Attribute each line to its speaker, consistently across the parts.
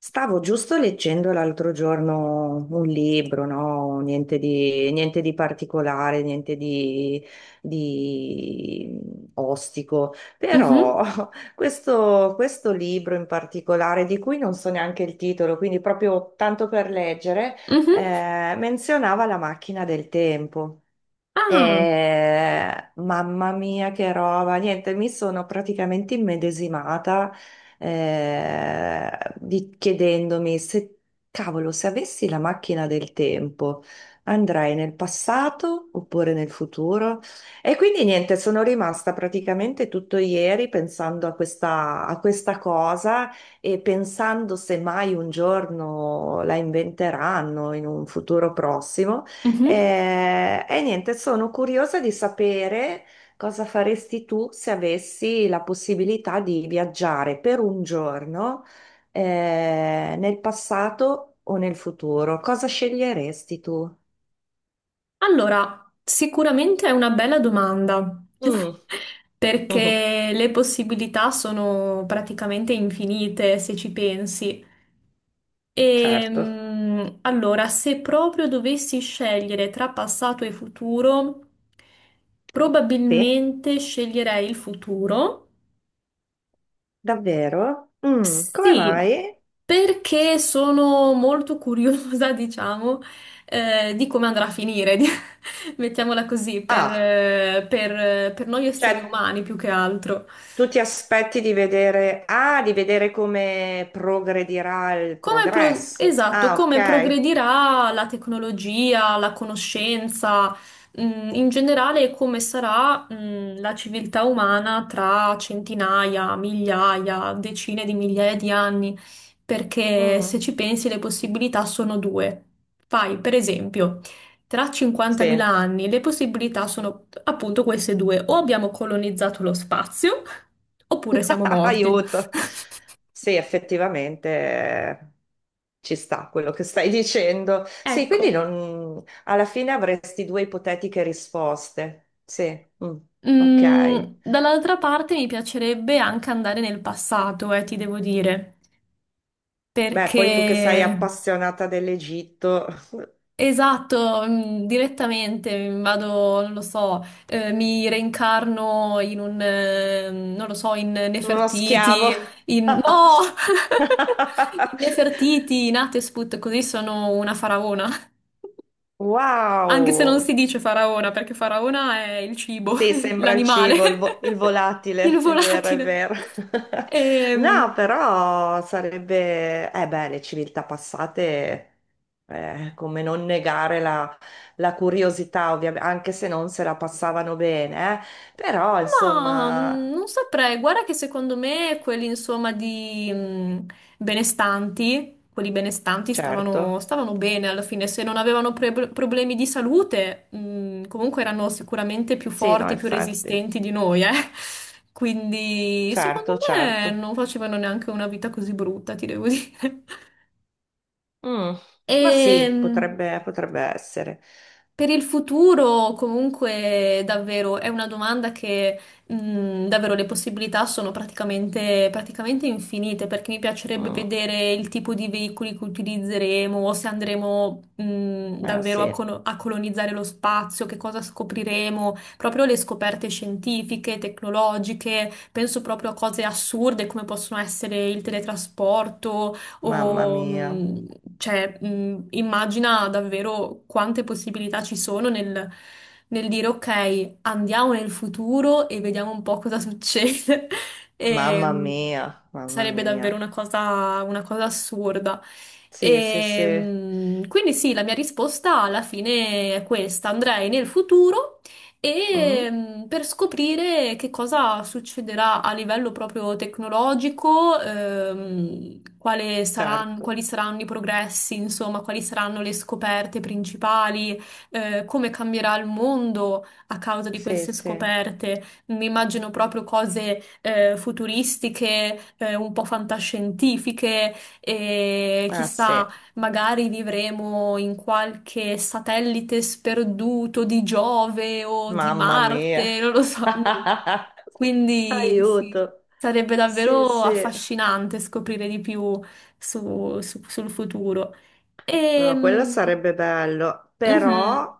Speaker 1: Stavo giusto leggendo l'altro giorno un libro, no? Niente di particolare, niente di ostico, però
Speaker 2: Mhm,
Speaker 1: questo libro in particolare, di cui non so neanche il titolo, quindi proprio tanto per leggere,
Speaker 2: mhm.
Speaker 1: menzionava la macchina del tempo.
Speaker 2: Ah,
Speaker 1: Mamma mia, che roba! Niente, mi sono praticamente immedesimata chiedendomi se, cavolo, se avessi la macchina del tempo, andrei nel passato oppure nel futuro? E quindi niente, sono rimasta praticamente tutto ieri pensando a questa cosa e pensando se mai un giorno la inventeranno in un futuro prossimo.
Speaker 2: mhm.
Speaker 1: Niente, sono curiosa di sapere cosa faresti tu se avessi la possibilità di viaggiare per un giorno, nel passato o nel futuro. Cosa sceglieresti tu?
Speaker 2: Allora, sicuramente è una bella domanda,
Speaker 1: Mm. Mhm.
Speaker 2: perché le possibilità sono praticamente infinite se ci pensi. E,
Speaker 1: Certo.
Speaker 2: allora, se proprio dovessi scegliere tra passato e futuro,
Speaker 1: Sì,
Speaker 2: probabilmente sceglierei il futuro.
Speaker 1: davvero? Mm, come
Speaker 2: Sì,
Speaker 1: mai?
Speaker 2: perché sono molto curiosa, diciamo, di come andrà a finire. Mettiamola così, per,
Speaker 1: Ah,
Speaker 2: eh, per, eh, per noi
Speaker 1: cioè
Speaker 2: esseri umani più che altro.
Speaker 1: tu ti aspetti di vedere come progredirà il progresso.
Speaker 2: Esatto,
Speaker 1: Ah,
Speaker 2: come
Speaker 1: ok.
Speaker 2: progredirà la tecnologia, la conoscenza, in generale e come sarà, la civiltà umana tra centinaia, migliaia, decine di migliaia di anni, perché se
Speaker 1: Mm.
Speaker 2: ci pensi le possibilità sono due. Fai, per esempio, tra 50.000
Speaker 1: Sì,
Speaker 2: anni le possibilità sono appunto queste due, o abbiamo colonizzato lo spazio, oppure siamo morti.
Speaker 1: aiuto. Sì, effettivamente ci sta quello che stai dicendo. Sì, quindi
Speaker 2: Ecco.
Speaker 1: alla fine avresti due ipotetiche risposte. Sì, mm,
Speaker 2: Mm,
Speaker 1: ok.
Speaker 2: Dall'altra parte mi piacerebbe anche andare nel passato, ti devo dire,
Speaker 1: Beh, poi tu che sei
Speaker 2: perché
Speaker 1: appassionata dell'Egitto,
Speaker 2: esatto, direttamente vado, non lo so, mi reincarno in un, non lo so, in
Speaker 1: uno
Speaker 2: Nefertiti,
Speaker 1: schiavo.
Speaker 2: no! In Nefertiti, in Hatshepsut, così sono una faraona. Anche se non
Speaker 1: Wow.
Speaker 2: si dice faraona, perché faraona è il cibo,
Speaker 1: Sì, sembra il
Speaker 2: l'animale,
Speaker 1: cibo, il, il
Speaker 2: il
Speaker 1: volatile, è vero, è
Speaker 2: volatile.
Speaker 1: vero. No,
Speaker 2: Ehm,
Speaker 1: però sarebbe, eh beh, le civiltà passate, come non negare la curiosità, ovviamente, anche se non se la passavano bene, eh. Però,
Speaker 2: ma
Speaker 1: insomma,
Speaker 2: non saprei, guarda che secondo me quelli insomma di benestanti, quelli benestanti stavano,
Speaker 1: certo,
Speaker 2: stavano bene alla fine, se non avevano problemi di salute, comunque erano sicuramente più
Speaker 1: sì, no,
Speaker 2: forti, più
Speaker 1: effetti,
Speaker 2: resistenti di noi, eh. Quindi secondo
Speaker 1: certo,
Speaker 2: me
Speaker 1: certo.
Speaker 2: non facevano neanche una vita così brutta, ti devo dire.
Speaker 1: Mm, ma
Speaker 2: E
Speaker 1: sì, potrebbe essere.
Speaker 2: per il futuro, comunque, davvero è una domanda che davvero le possibilità sono praticamente infinite, perché mi piacerebbe
Speaker 1: Mm,
Speaker 2: vedere il tipo di veicoli che utilizzeremo, o se andremo
Speaker 1: eh
Speaker 2: davvero a,
Speaker 1: sì,
Speaker 2: colo- a colonizzare lo spazio, che cosa scopriremo, proprio le scoperte scientifiche, tecnologiche, penso proprio a cose assurde come possono essere il teletrasporto
Speaker 1: mamma
Speaker 2: o
Speaker 1: mia,
Speaker 2: cioè, immagina davvero quante possibilità ci sono nel dire ok, andiamo nel futuro e vediamo un po' cosa succede. E,
Speaker 1: mamma mia, mamma
Speaker 2: sarebbe
Speaker 1: mia.
Speaker 2: davvero una cosa assurda.
Speaker 1: Sì, sì,
Speaker 2: E,
Speaker 1: sì.
Speaker 2: quindi sì, la mia risposta alla fine è questa. Andrei nel futuro
Speaker 1: Mm,
Speaker 2: e per scoprire che cosa succederà a livello proprio tecnologico,
Speaker 1: certo.
Speaker 2: quali saranno i progressi, insomma, quali saranno le scoperte principali, come cambierà il mondo a causa di
Speaker 1: Sì,
Speaker 2: queste
Speaker 1: sì.
Speaker 2: scoperte. Mi immagino proprio cose futuristiche, un po' fantascientifiche e
Speaker 1: Ah, sì.
Speaker 2: chissà. Magari vivremo in qualche satellite sperduto di Giove o di
Speaker 1: Mamma mia.
Speaker 2: Marte, non lo so. Mm. Quindi sì,
Speaker 1: Aiuto.
Speaker 2: sarebbe
Speaker 1: Sì,
Speaker 2: davvero
Speaker 1: sì.
Speaker 2: affascinante scoprire di più sul futuro. E,
Speaker 1: No, quello
Speaker 2: mhm,
Speaker 1: sarebbe bello, però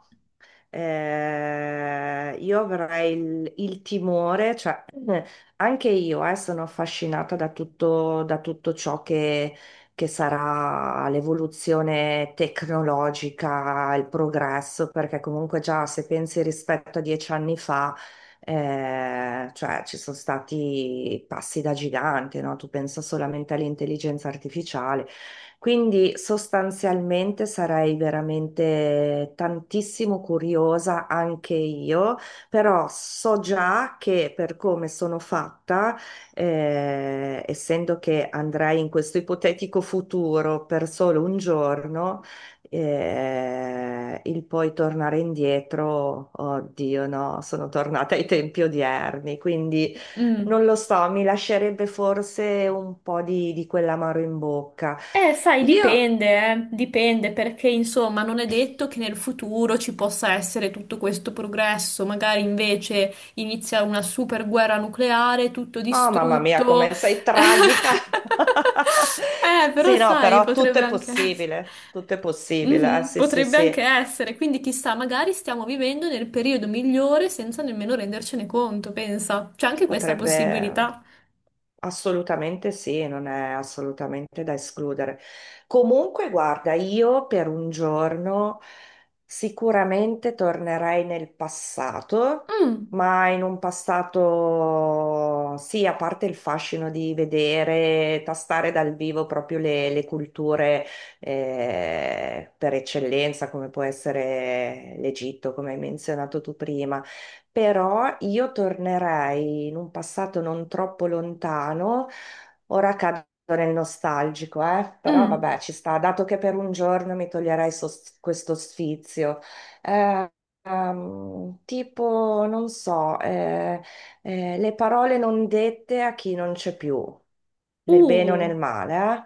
Speaker 1: Io avrei il timore, cioè anche io sono affascinata da tutto ciò che sarà l'evoluzione tecnologica, il progresso, perché comunque già se pensi rispetto a 10 anni fa, cioè ci sono stati passi da gigante, no? Tu pensa solamente all'intelligenza artificiale, quindi sostanzialmente sarei veramente tantissimo curiosa anche io, però so già che per come sono fatta, essendo che andrei in questo ipotetico futuro per solo un giorno, il poi tornare indietro, oddio no, sono tornata ai tempi odierni, quindi
Speaker 2: mm.
Speaker 1: non lo so, mi lascerebbe forse un po' di quell'amaro in bocca.
Speaker 2: Sai,
Speaker 1: Io,
Speaker 2: dipende, Dipende perché insomma non è detto che nel futuro ci possa essere tutto questo progresso, magari invece inizia una super guerra nucleare, tutto
Speaker 1: oh mamma mia,
Speaker 2: distrutto.
Speaker 1: come sei tragica.
Speaker 2: Però
Speaker 1: Sì, no,
Speaker 2: sai,
Speaker 1: però tutto
Speaker 2: potrebbe
Speaker 1: è
Speaker 2: anche essere.
Speaker 1: possibile, tutto è possibile.
Speaker 2: Mhm,
Speaker 1: Sì, sì,
Speaker 2: potrebbe
Speaker 1: sì,
Speaker 2: anche essere, quindi chissà, magari stiamo vivendo nel periodo migliore senza nemmeno rendercene conto, pensa. C'è anche questa
Speaker 1: potrebbe.
Speaker 2: possibilità.
Speaker 1: Assolutamente sì, non è assolutamente da escludere. Comunque, guarda, io per un giorno sicuramente tornerei nel passato,
Speaker 2: Mm,
Speaker 1: ma in un passato, sì, a parte il fascino di vedere, tastare dal vivo proprio le culture per eccellenza, come può essere l'Egitto, come hai menzionato tu prima. Però io tornerei in un passato non troppo lontano. Ora cado nel nostalgico, eh? Però
Speaker 2: mm,
Speaker 1: vabbè, ci sta, dato che per un giorno mi toglierai questo sfizio. Eh, tipo, non so, le parole non dette a chi non c'è più, nel bene o
Speaker 2: uh,
Speaker 1: nel male,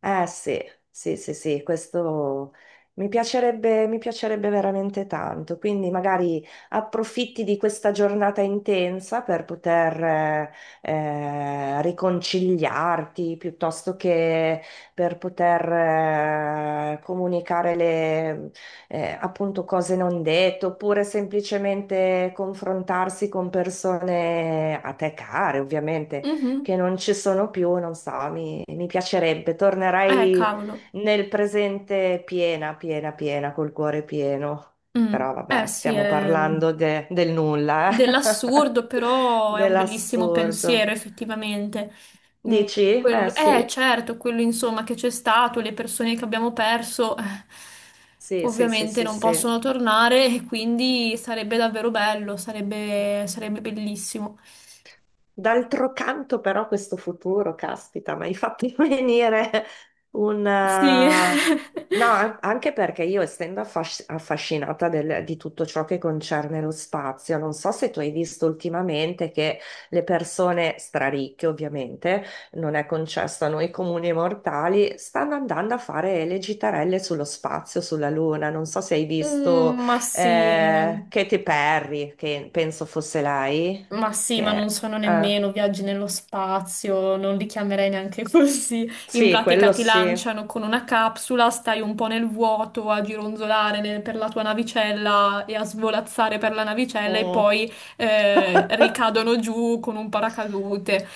Speaker 1: eh? Eh sì, sì, sì, sì, questo mi piacerebbe veramente tanto, quindi magari approfitti di questa giornata intensa per poter, riconciliarti piuttosto che per poter comunicare le appunto cose non dette oppure semplicemente confrontarsi con persone a te care, ovviamente,
Speaker 2: mhm.
Speaker 1: che non ci sono più, non so, mi piacerebbe, tornerei
Speaker 2: Cavolo.
Speaker 1: nel presente piena, piena, piena, col cuore pieno.
Speaker 2: Mm.
Speaker 1: Però
Speaker 2: Eh
Speaker 1: vabbè,
Speaker 2: sì,
Speaker 1: stiamo
Speaker 2: è
Speaker 1: parlando del nulla, eh?
Speaker 2: dell'assurdo, però è un bellissimo
Speaker 1: Dell'assurdo.
Speaker 2: pensiero, effettivamente. Mm,
Speaker 1: Dici? Eh sì,
Speaker 2: certo, quello insomma che c'è stato, le persone che abbiamo perso,
Speaker 1: sì, sì, sì,
Speaker 2: ovviamente
Speaker 1: sì,
Speaker 2: non
Speaker 1: sì.
Speaker 2: possono tornare e quindi sarebbe davvero bello, sarebbe, sarebbe bellissimo.
Speaker 1: D'altro canto, però, questo futuro, caspita, mi hai fatto venire un...
Speaker 2: Sì.
Speaker 1: eh, no, anche perché io, essendo affascinata di tutto ciò che concerne lo spazio, non so se tu hai visto ultimamente che le persone straricche, ovviamente, non è concesso a noi comuni mortali, stanno andando a fare le gitarelle sullo spazio, sulla Luna. Non so se hai visto
Speaker 2: Ma sì.
Speaker 1: Katy Perry, che penso fosse lei,
Speaker 2: Ma sì, ma non
Speaker 1: che...
Speaker 2: sono
Speaker 1: eh,
Speaker 2: nemmeno viaggi nello spazio, non li chiamerei neanche così. In
Speaker 1: sì,
Speaker 2: pratica
Speaker 1: quello
Speaker 2: ti
Speaker 1: sì.
Speaker 2: lanciano con una capsula, stai un po' nel vuoto a gironzolare per la tua navicella e a svolazzare per la navicella e
Speaker 1: Mm.
Speaker 2: poi ricadono giù con un paracadute.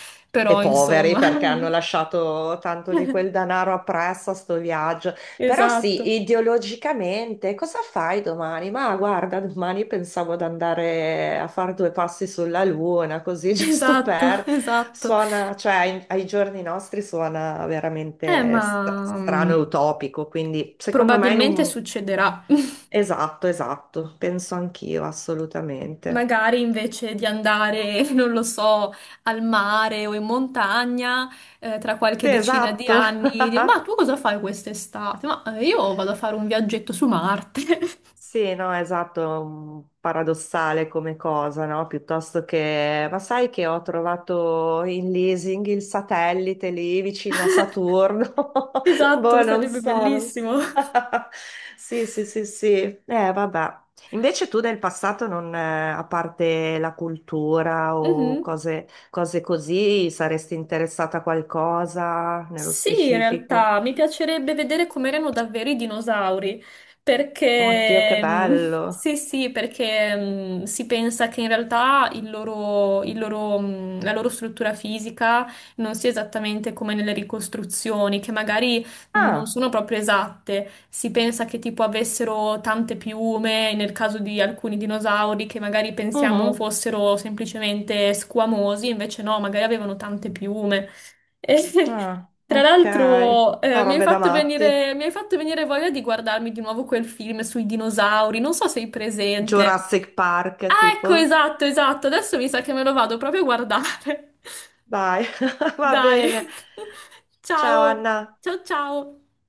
Speaker 1: E
Speaker 2: Però
Speaker 1: poveri
Speaker 2: insomma,
Speaker 1: perché hanno lasciato tanto di quel denaro appresso a sto viaggio. Però
Speaker 2: esatto,
Speaker 1: sì, ideologicamente, cosa fai domani? Ma guarda, domani pensavo di andare a fare due passi sulla luna, così giusto
Speaker 2: esatto,
Speaker 1: per.
Speaker 2: esatto.
Speaker 1: Suona, cioè ai giorni nostri suona veramente
Speaker 2: Ma
Speaker 1: strano e utopico, quindi secondo me in
Speaker 2: probabilmente
Speaker 1: un.
Speaker 2: succederà.
Speaker 1: Esatto, esatto, penso anch'io, assolutamente.
Speaker 2: Magari invece di andare, non lo so, al mare o in montagna, tra qualche
Speaker 1: Sì,
Speaker 2: decina di
Speaker 1: esatto.
Speaker 2: anni, dire, ma tu cosa fai quest'estate? Ma io vado a fare un viaggetto su Marte.
Speaker 1: Sì, no, esatto, è un paradossale come cosa, no? Piuttosto che, ma sai che ho trovato in leasing il satellite lì vicino a Saturno?
Speaker 2: Esatto,
Speaker 1: Boh, non
Speaker 2: sarebbe
Speaker 1: so, non so.
Speaker 2: bellissimo.
Speaker 1: Sì, sì, sì, sì. Vabbè. Invece tu nel passato non, a parte la cultura o
Speaker 2: Mhm.
Speaker 1: cose così, saresti interessata a qualcosa nello
Speaker 2: Sì, in
Speaker 1: specifico?
Speaker 2: realtà mi piacerebbe vedere com'erano davvero i dinosauri,
Speaker 1: Oddio, che
Speaker 2: perché
Speaker 1: bello.
Speaker 2: sì, sì, perché si pensa che in realtà la loro struttura fisica non sia esattamente come nelle ricostruzioni, che magari non
Speaker 1: Ah,
Speaker 2: sono proprio esatte. Si pensa che tipo avessero tante piume, nel caso di alcuni dinosauri che magari pensiamo
Speaker 1: mhm.
Speaker 2: fossero semplicemente squamosi, invece no, magari avevano tante piume. E,
Speaker 1: Ah,
Speaker 2: tra
Speaker 1: ok.
Speaker 2: l'altro,
Speaker 1: Ah,
Speaker 2: mi hai
Speaker 1: robe da
Speaker 2: fatto
Speaker 1: matti.
Speaker 2: venire, mi hai fatto venire voglia di guardarmi di nuovo quel film sui dinosauri. Non so se sei presente.
Speaker 1: Jurassic Park,
Speaker 2: Ah, ecco,
Speaker 1: tipo.
Speaker 2: esatto, esatto. Adesso mi sa che me lo vado proprio a guardare.
Speaker 1: Dai, va
Speaker 2: Dai.
Speaker 1: bene. Ciao
Speaker 2: Ciao.
Speaker 1: Anna.
Speaker 2: Ciao, ciao.